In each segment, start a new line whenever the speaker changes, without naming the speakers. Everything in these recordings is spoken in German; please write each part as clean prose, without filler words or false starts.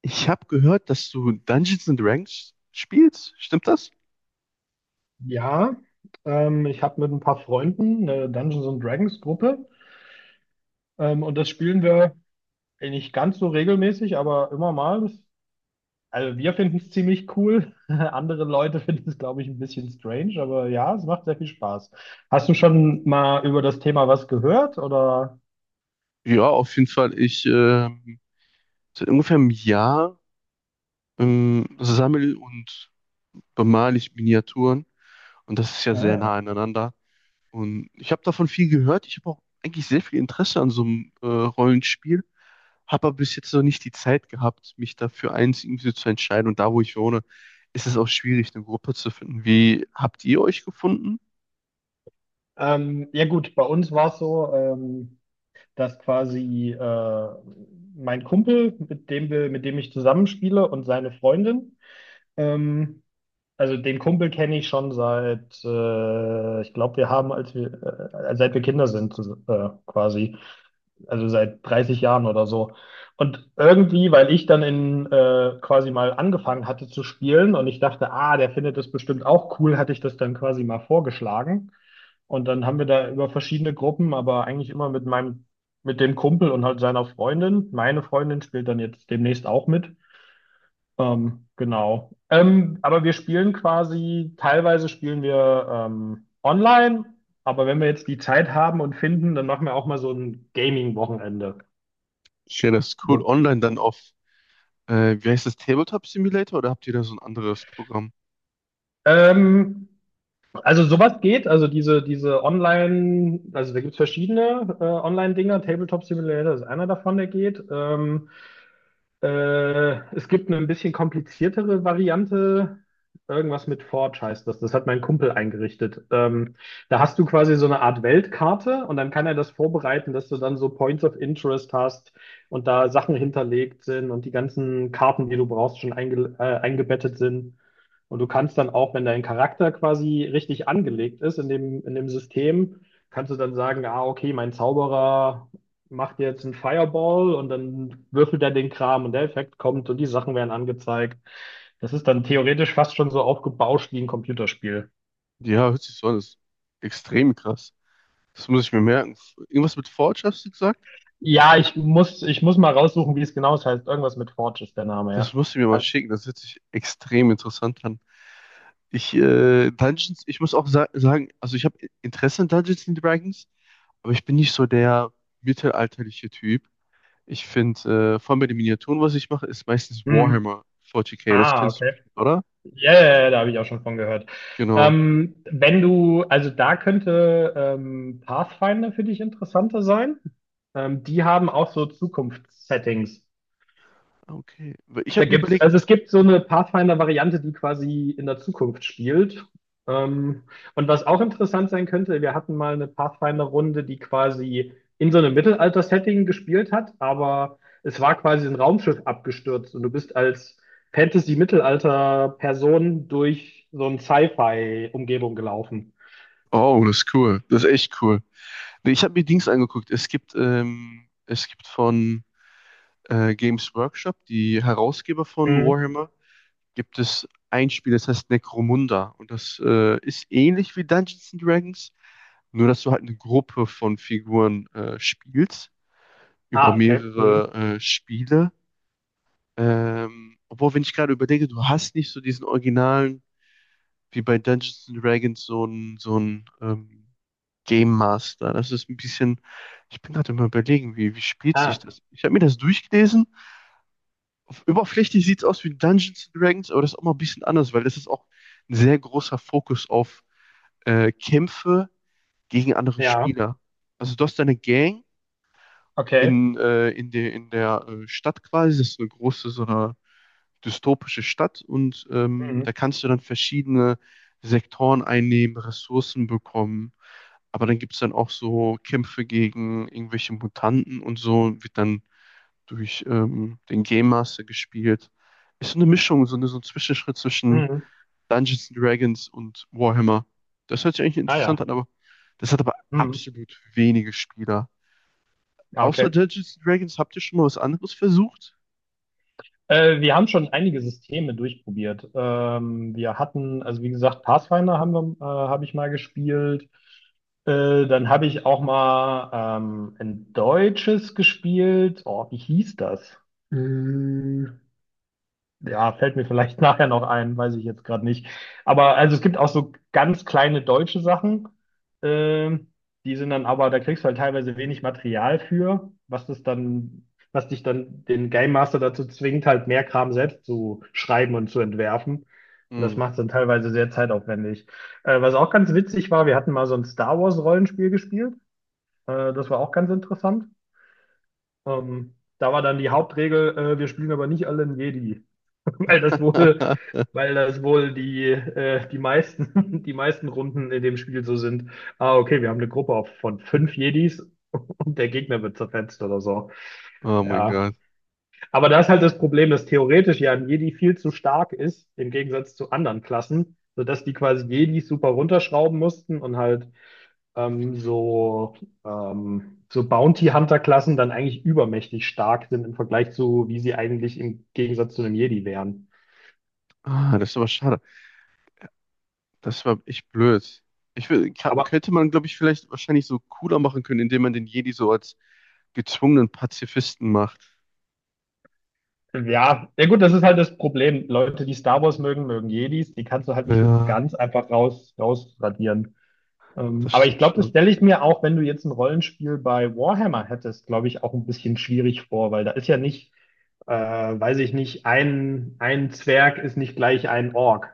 Ich habe gehört, dass du Dungeons and Dragons spielst. Stimmt das?
Ja, ich habe mit ein paar Freunden eine Dungeons and Dragons Gruppe, und das spielen wir eh nicht ganz so regelmäßig, aber immer mal. Also wir finden es ziemlich cool. Andere Leute finden es, glaube ich, ein bisschen strange, aber ja, es macht sehr viel Spaß. Hast du schon mal über das Thema was gehört oder?
Ja, auf jeden Fall. Ich Seit ungefähr einem Jahr sammle und bemale ich Miniaturen, und das ist ja sehr
Ja,
nah aneinander. Und ich habe davon viel gehört. Ich habe auch eigentlich sehr viel Interesse an so einem Rollenspiel, habe aber bis jetzt noch nicht die Zeit gehabt, mich dafür eins irgendwie zu entscheiden. Und da, wo ich wohne, ist es auch schwierig, eine Gruppe zu finden. Wie habt ihr euch gefunden?
ja gut, bei uns war es so, dass quasi mein Kumpel, mit dem ich zusammenspiele und seine Freundin ähm, Also den Kumpel kenne ich schon seit, ich glaube, wir haben, als wir, seit wir Kinder sind, quasi, also seit 30 Jahren oder so. Und irgendwie, weil ich dann in quasi mal angefangen hatte zu spielen und ich dachte, ah, der findet das bestimmt auch cool, hatte ich das dann quasi mal vorgeschlagen. Und dann haben wir da über verschiedene Gruppen, aber eigentlich immer mit meinem, mit dem Kumpel und halt seiner Freundin. Meine Freundin spielt dann jetzt demnächst auch mit. Genau. Aber wir spielen quasi, teilweise spielen wir online, aber wenn wir jetzt die Zeit haben und finden, dann machen wir auch mal so ein Gaming-Wochenende.
Ich wäre das cool,
Ja.
online dann auf wie heißt das? Tabletop Simulator, oder habt ihr da so ein anderes Programm?
Ähm, also sowas geht, also diese Online, also da gibt es verschiedene Online-Dinger, Tabletop Simulator ist einer davon, der geht. Es gibt eine ein bisschen kompliziertere Variante. Irgendwas mit Forge heißt das. Das hat mein Kumpel eingerichtet. Da hast du quasi so eine Art Weltkarte und dann kann er das vorbereiten, dass du dann so Points of Interest hast und da Sachen hinterlegt sind und die ganzen Karten, die du brauchst, schon eingebettet sind. Und du kannst dann auch, wenn dein Charakter quasi richtig angelegt ist in dem System, kannst du dann sagen, ah, okay, mein Zauberer macht jetzt einen Fireball und dann würfelt er den Kram und der Effekt kommt und die Sachen werden angezeigt. Das ist dann theoretisch fast schon so aufgebauscht wie ein Computerspiel.
Ja, hört sich so an. Das ist extrem krass. Das muss ich mir merken. Irgendwas mit Forge hast du gesagt?
Ja, ich muss mal raussuchen, wie es genau heißt. Irgendwas mit Forge ist der Name,
Das
ja.
musst du mir mal
Ah,
schicken. Das hört sich extrem interessant an. Ich muss auch sa sagen, also ich habe Interesse an Dungeons and Dragons, aber ich bin nicht so der mittelalterliche Typ. Vor allem bei den Miniaturen, was ich mache, ist meistens
hm.
Warhammer 40k. Das
Ah,
kennst du
okay.
bestimmt, oder?
Ja, ja, ja, da habe ich auch schon von gehört.
Genau.
Wenn du, also da könnte Pathfinder für dich interessanter sein. Die haben auch so Zukunftssettings.
Okay. Ich
Da
habe mir
gibt's,
überlegt,
also es gibt so eine Pathfinder-Variante, die quasi in der Zukunft spielt. Ähm, und was auch interessant sein könnte, wir hatten mal eine Pathfinder-Runde, die quasi in so einem Mittelalter-Setting gespielt hat, aber es war quasi ein Raumschiff abgestürzt und du bist als Fantasy-Mittelalter-Person durch so eine Sci-Fi-Umgebung gelaufen.
oh, das ist cool. Das ist echt cool. Nee, ich habe mir Dings angeguckt. Es gibt von Games Workshop, die Herausgeber von
Mhm.
Warhammer, gibt es ein Spiel, das heißt Necromunda. Und das ist ähnlich wie Dungeons and Dragons, nur dass du halt eine Gruppe von Figuren spielst über
Ah, okay. Mhm.
mehrere Spiele. Obwohl, wenn ich gerade überlege, du hast nicht so diesen originalen, wie bei Dungeons and Dragons, so einen Game Master. Das ist ein bisschen, ich bin gerade immer überlegen, wie, wie spielt sich
Ah,
das? Ich habe mir das durchgelesen. Oberflächlich sieht es aus wie Dungeons and Dragons, aber das ist auch mal ein bisschen anders, weil das ist auch ein sehr großer Fokus auf Kämpfe gegen andere
ja,
Spieler. Also du hast deine Gang
okay.
in der Stadt quasi. Das ist so eine große, so eine dystopische Stadt, und da
Mhm.
kannst du dann verschiedene Sektoren einnehmen, Ressourcen bekommen. Aber dann gibt es dann auch so Kämpfe gegen irgendwelche Mutanten und so, wird dann durch den Game Master gespielt. Ist so eine Mischung, so eine, so ein Zwischenschritt zwischen
Mhm.
Dungeons and Dragons und Warhammer. Das hört sich eigentlich
Ah,
interessant
ja.
an, aber das hat aber
Mhm.
absolut wenige Spieler.
Ah,
Außer
okay.
Dungeons and Dragons, habt ihr schon mal was anderes versucht?
Wir haben schon einige Systeme durchprobiert. Wir hatten, also wie gesagt, Pathfinder haben wir, habe ich mal gespielt. Dann habe ich auch mal ein deutsches gespielt. Oh, wie hieß das? Ja, fällt mir vielleicht nachher noch ein, weiß ich jetzt gerade nicht. Aber also es gibt auch so ganz kleine deutsche Sachen, ähm, die sind dann aber, da kriegst du halt teilweise wenig Material für, was das dann, was dich dann den Game Master dazu zwingt, halt mehr Kram selbst zu schreiben und zu entwerfen. Und das
Hm.
macht es dann teilweise sehr zeitaufwendig. Was auch ganz witzig war, wir hatten mal so ein Star Wars Rollenspiel gespielt. Das war auch ganz interessant. Da war dann die Hauptregel, wir spielen aber nicht alle einen Jedi. weil das wohl, weil das wohl die meisten, die meisten Runden in dem Spiel so sind. Ah, okay, wir haben eine Gruppe von fünf Jedis und der Gegner wird zerfetzt oder so.
Oh mein
Ja.
Gott.
Aber da ist halt das Problem, dass theoretisch ja ein Jedi viel zu stark ist, im Gegensatz zu anderen Klassen, sodass die quasi Jedis super runterschrauben mussten und halt ähm, so, so Bounty Hunter-Klassen dann eigentlich übermächtig stark sind im Vergleich zu, wie sie eigentlich im Gegensatz zu einem Jedi wären.
Ah, das ist aber schade. Das war echt blöd. Ich will,
Aber
könnte man, glaube ich, vielleicht wahrscheinlich so cooler machen können, indem man den Jedi so als gezwungenen Pazifisten macht.
Ja, ja gut, das ist halt das Problem. Leute, die Star Wars mögen, mögen Jedis. Die kannst du halt nicht so
Ja,
ganz einfach rausradieren.
das
Aber ich
stimmt
glaube, das
schon.
stelle ich mir auch, wenn du jetzt ein Rollenspiel bei Warhammer hättest, glaube ich, auch ein bisschen schwierig vor, weil da ist ja nicht, weiß ich nicht, ein Zwerg ist nicht gleich ein Ork.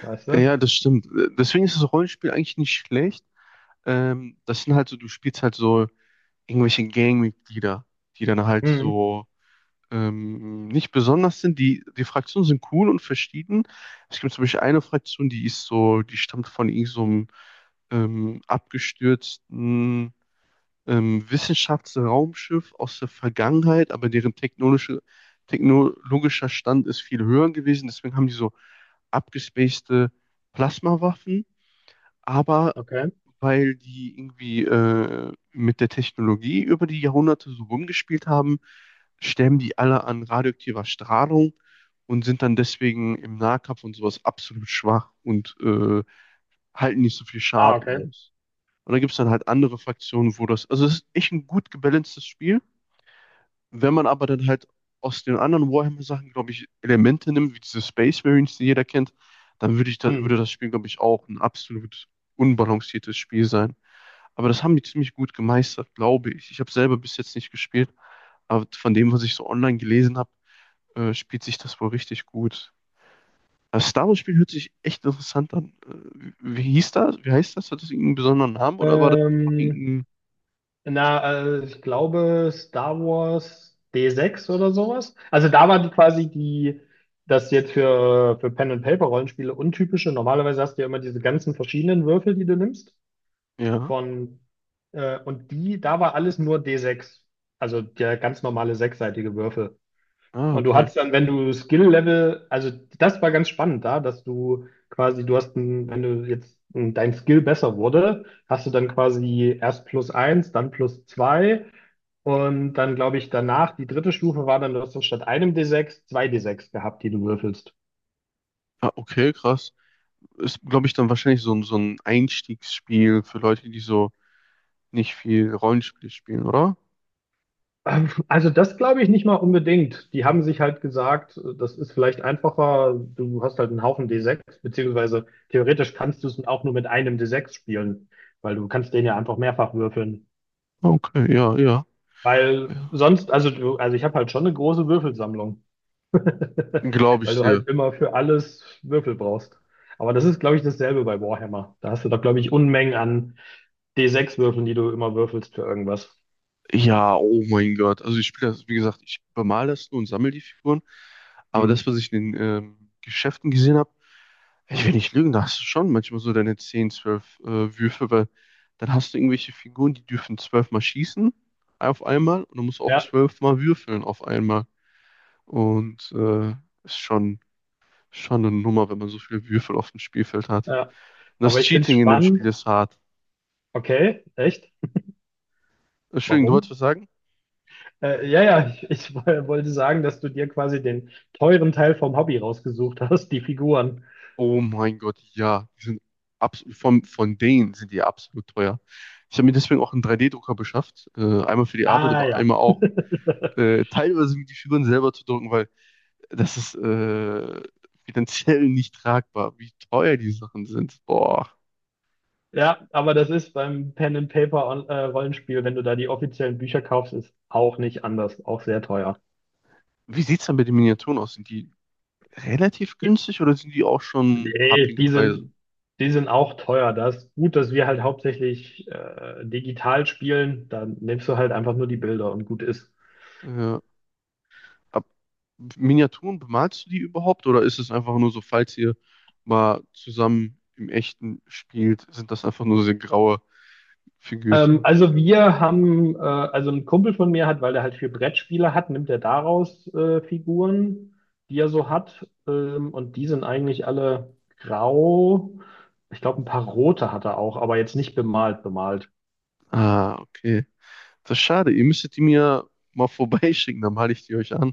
Weißt
Ja,
du?
das stimmt. Deswegen ist das Rollenspiel eigentlich nicht schlecht. Das sind halt so, du spielst halt so irgendwelche Gangmitglieder, die dann halt
Hm,
so nicht besonders sind. Die, die Fraktionen sind cool und verschieden. Es gibt zum Beispiel eine Fraktion, die ist so, die stammt von irgend so einem abgestürzten Wissenschaftsraumschiff aus der Vergangenheit, aber deren technologischer Stand ist viel höher gewesen. Deswegen haben die so abgespacede Plasmawaffen, aber
okay.
weil die irgendwie mit der Technologie über die Jahrhunderte so rumgespielt haben, sterben die alle an radioaktiver Strahlung und sind dann deswegen im Nahkampf und sowas absolut schwach und halten nicht so viel
Ah,
Schaden
okay.
aus. Und dann gibt es dann halt andere Fraktionen, wo das, also es ist echt ein gut gebalancedes Spiel. Wenn man aber dann halt aus den anderen Warhammer-Sachen, glaube ich, Elemente nimmt, wie diese Space Marines, die jeder kennt, dann würde ich da,
Hm.
würde das Spiel, glaube ich, auch ein absolut unbalanciertes Spiel sein. Aber das haben die ziemlich gut gemeistert, glaube ich. Ich habe selber bis jetzt nicht gespielt, aber von dem, was ich so online gelesen habe, spielt sich das wohl richtig gut. Das Star Wars-Spiel hört sich echt interessant an. Wie hieß das? Wie heißt das? Hat das irgendeinen besonderen Namen oder war das einfach
Ähm,
irgendein?
Na, ich glaube Star Wars D6 oder sowas. Also da war die quasi die, das jetzt für, Pen and Paper Rollenspiele untypische. Normalerweise hast du ja immer diese ganzen verschiedenen Würfel, die du nimmst.
Ja.
Von, und die, da war alles nur D6. Also der ganz normale sechsseitige Würfel.
Ah,
Und du
okay.
hattest dann, wenn du Skill-Level, also das war ganz spannend da, dass du quasi, du hast ein, wenn du jetzt ein, dein Skill besser wurde, hast du dann quasi erst plus eins, dann plus zwei. Und dann glaube ich danach, die dritte Stufe war dann, du hast dann statt einem D6 zwei D6 gehabt, die du würfelst.
Ah, okay, krass. Ist, glaube ich, dann wahrscheinlich so, so ein Einstiegsspiel für Leute, die so nicht viel Rollenspiel spielen, oder?
Also das glaube ich nicht mal unbedingt. Die haben sich halt gesagt, das ist vielleicht einfacher, du hast halt einen Haufen D6, beziehungsweise theoretisch kannst du es auch nur mit einem D6 spielen, weil du kannst den ja einfach mehrfach würfeln.
Okay, ja, ja,
Weil
ja.
sonst, also du, also ich habe halt schon eine große Würfelsammlung,
Glaube
weil
ich
du
dir.
halt immer für alles Würfel brauchst. Aber das ist, glaube ich, dasselbe bei Warhammer. Da hast du doch, glaube ich, Unmengen an D6 würfeln, die du immer würfelst für irgendwas.
Ja, oh mein Gott. Also ich spiele das, wie gesagt, ich bemale das nur und sammle die Figuren. Aber das,
Mhm.
was ich in den Geschäften gesehen habe, ich will nicht lügen, da hast du schon manchmal so deine 10, 12 Würfe, weil dann hast du irgendwelche Figuren, die dürfen 12 mal schießen auf einmal, und du musst auch
Ja,
12 mal würfeln auf einmal. Und ist schon, schon eine Nummer, wenn man so viele Würfel auf dem Spielfeld hat.
ja.
Und das
Aber ich finde es
Cheating in dem Spiel
spannend.
ist hart.
Okay, echt?
Entschuldigung, du wolltest
Warum?
was sagen?
Ja, ja, ich wollte sagen, dass du dir quasi den teuren Teil vom Hobby rausgesucht hast, die Figuren.
Oh mein Gott, ja. Die sind absolut, von denen sind die absolut teuer. Ich habe mir deswegen auch einen 3D-Drucker beschafft. Einmal für die Arbeit,
Ah,
aber
ja.
einmal auch teilweise mit die Figuren selber zu drucken, weil das ist finanziell nicht tragbar, wie teuer die Sachen sind. Boah.
Ja, aber das ist beim Pen and Paper Rollenspiel, wenn du da die offiziellen Bücher kaufst, ist auch nicht anders, auch sehr teuer.
Wie sieht's dann bei den Miniaturen aus? Sind die relativ günstig oder sind die auch schon
Nee,
happige
die sind,
Preise?
die sind auch teuer. Das ist gut, dass wir halt hauptsächlich digital spielen. Dann nimmst du halt einfach nur die Bilder und gut ist.
Ja, ab Miniaturen, bemalst du die überhaupt, oder ist es einfach nur so, falls ihr mal zusammen im Echten spielt, sind das einfach nur so graue Figürchen?
Also ein Kumpel von mir hat, weil er halt viel Brettspiele hat, nimmt er daraus Figuren, die er so hat. Und die sind eigentlich alle grau. Ich glaube, ein paar rote hat er auch, aber jetzt nicht bemalt, bemalt.
Ah, okay. Das ist schade. Ihr müsstet die mir mal vorbeischicken, dann male ich die euch an.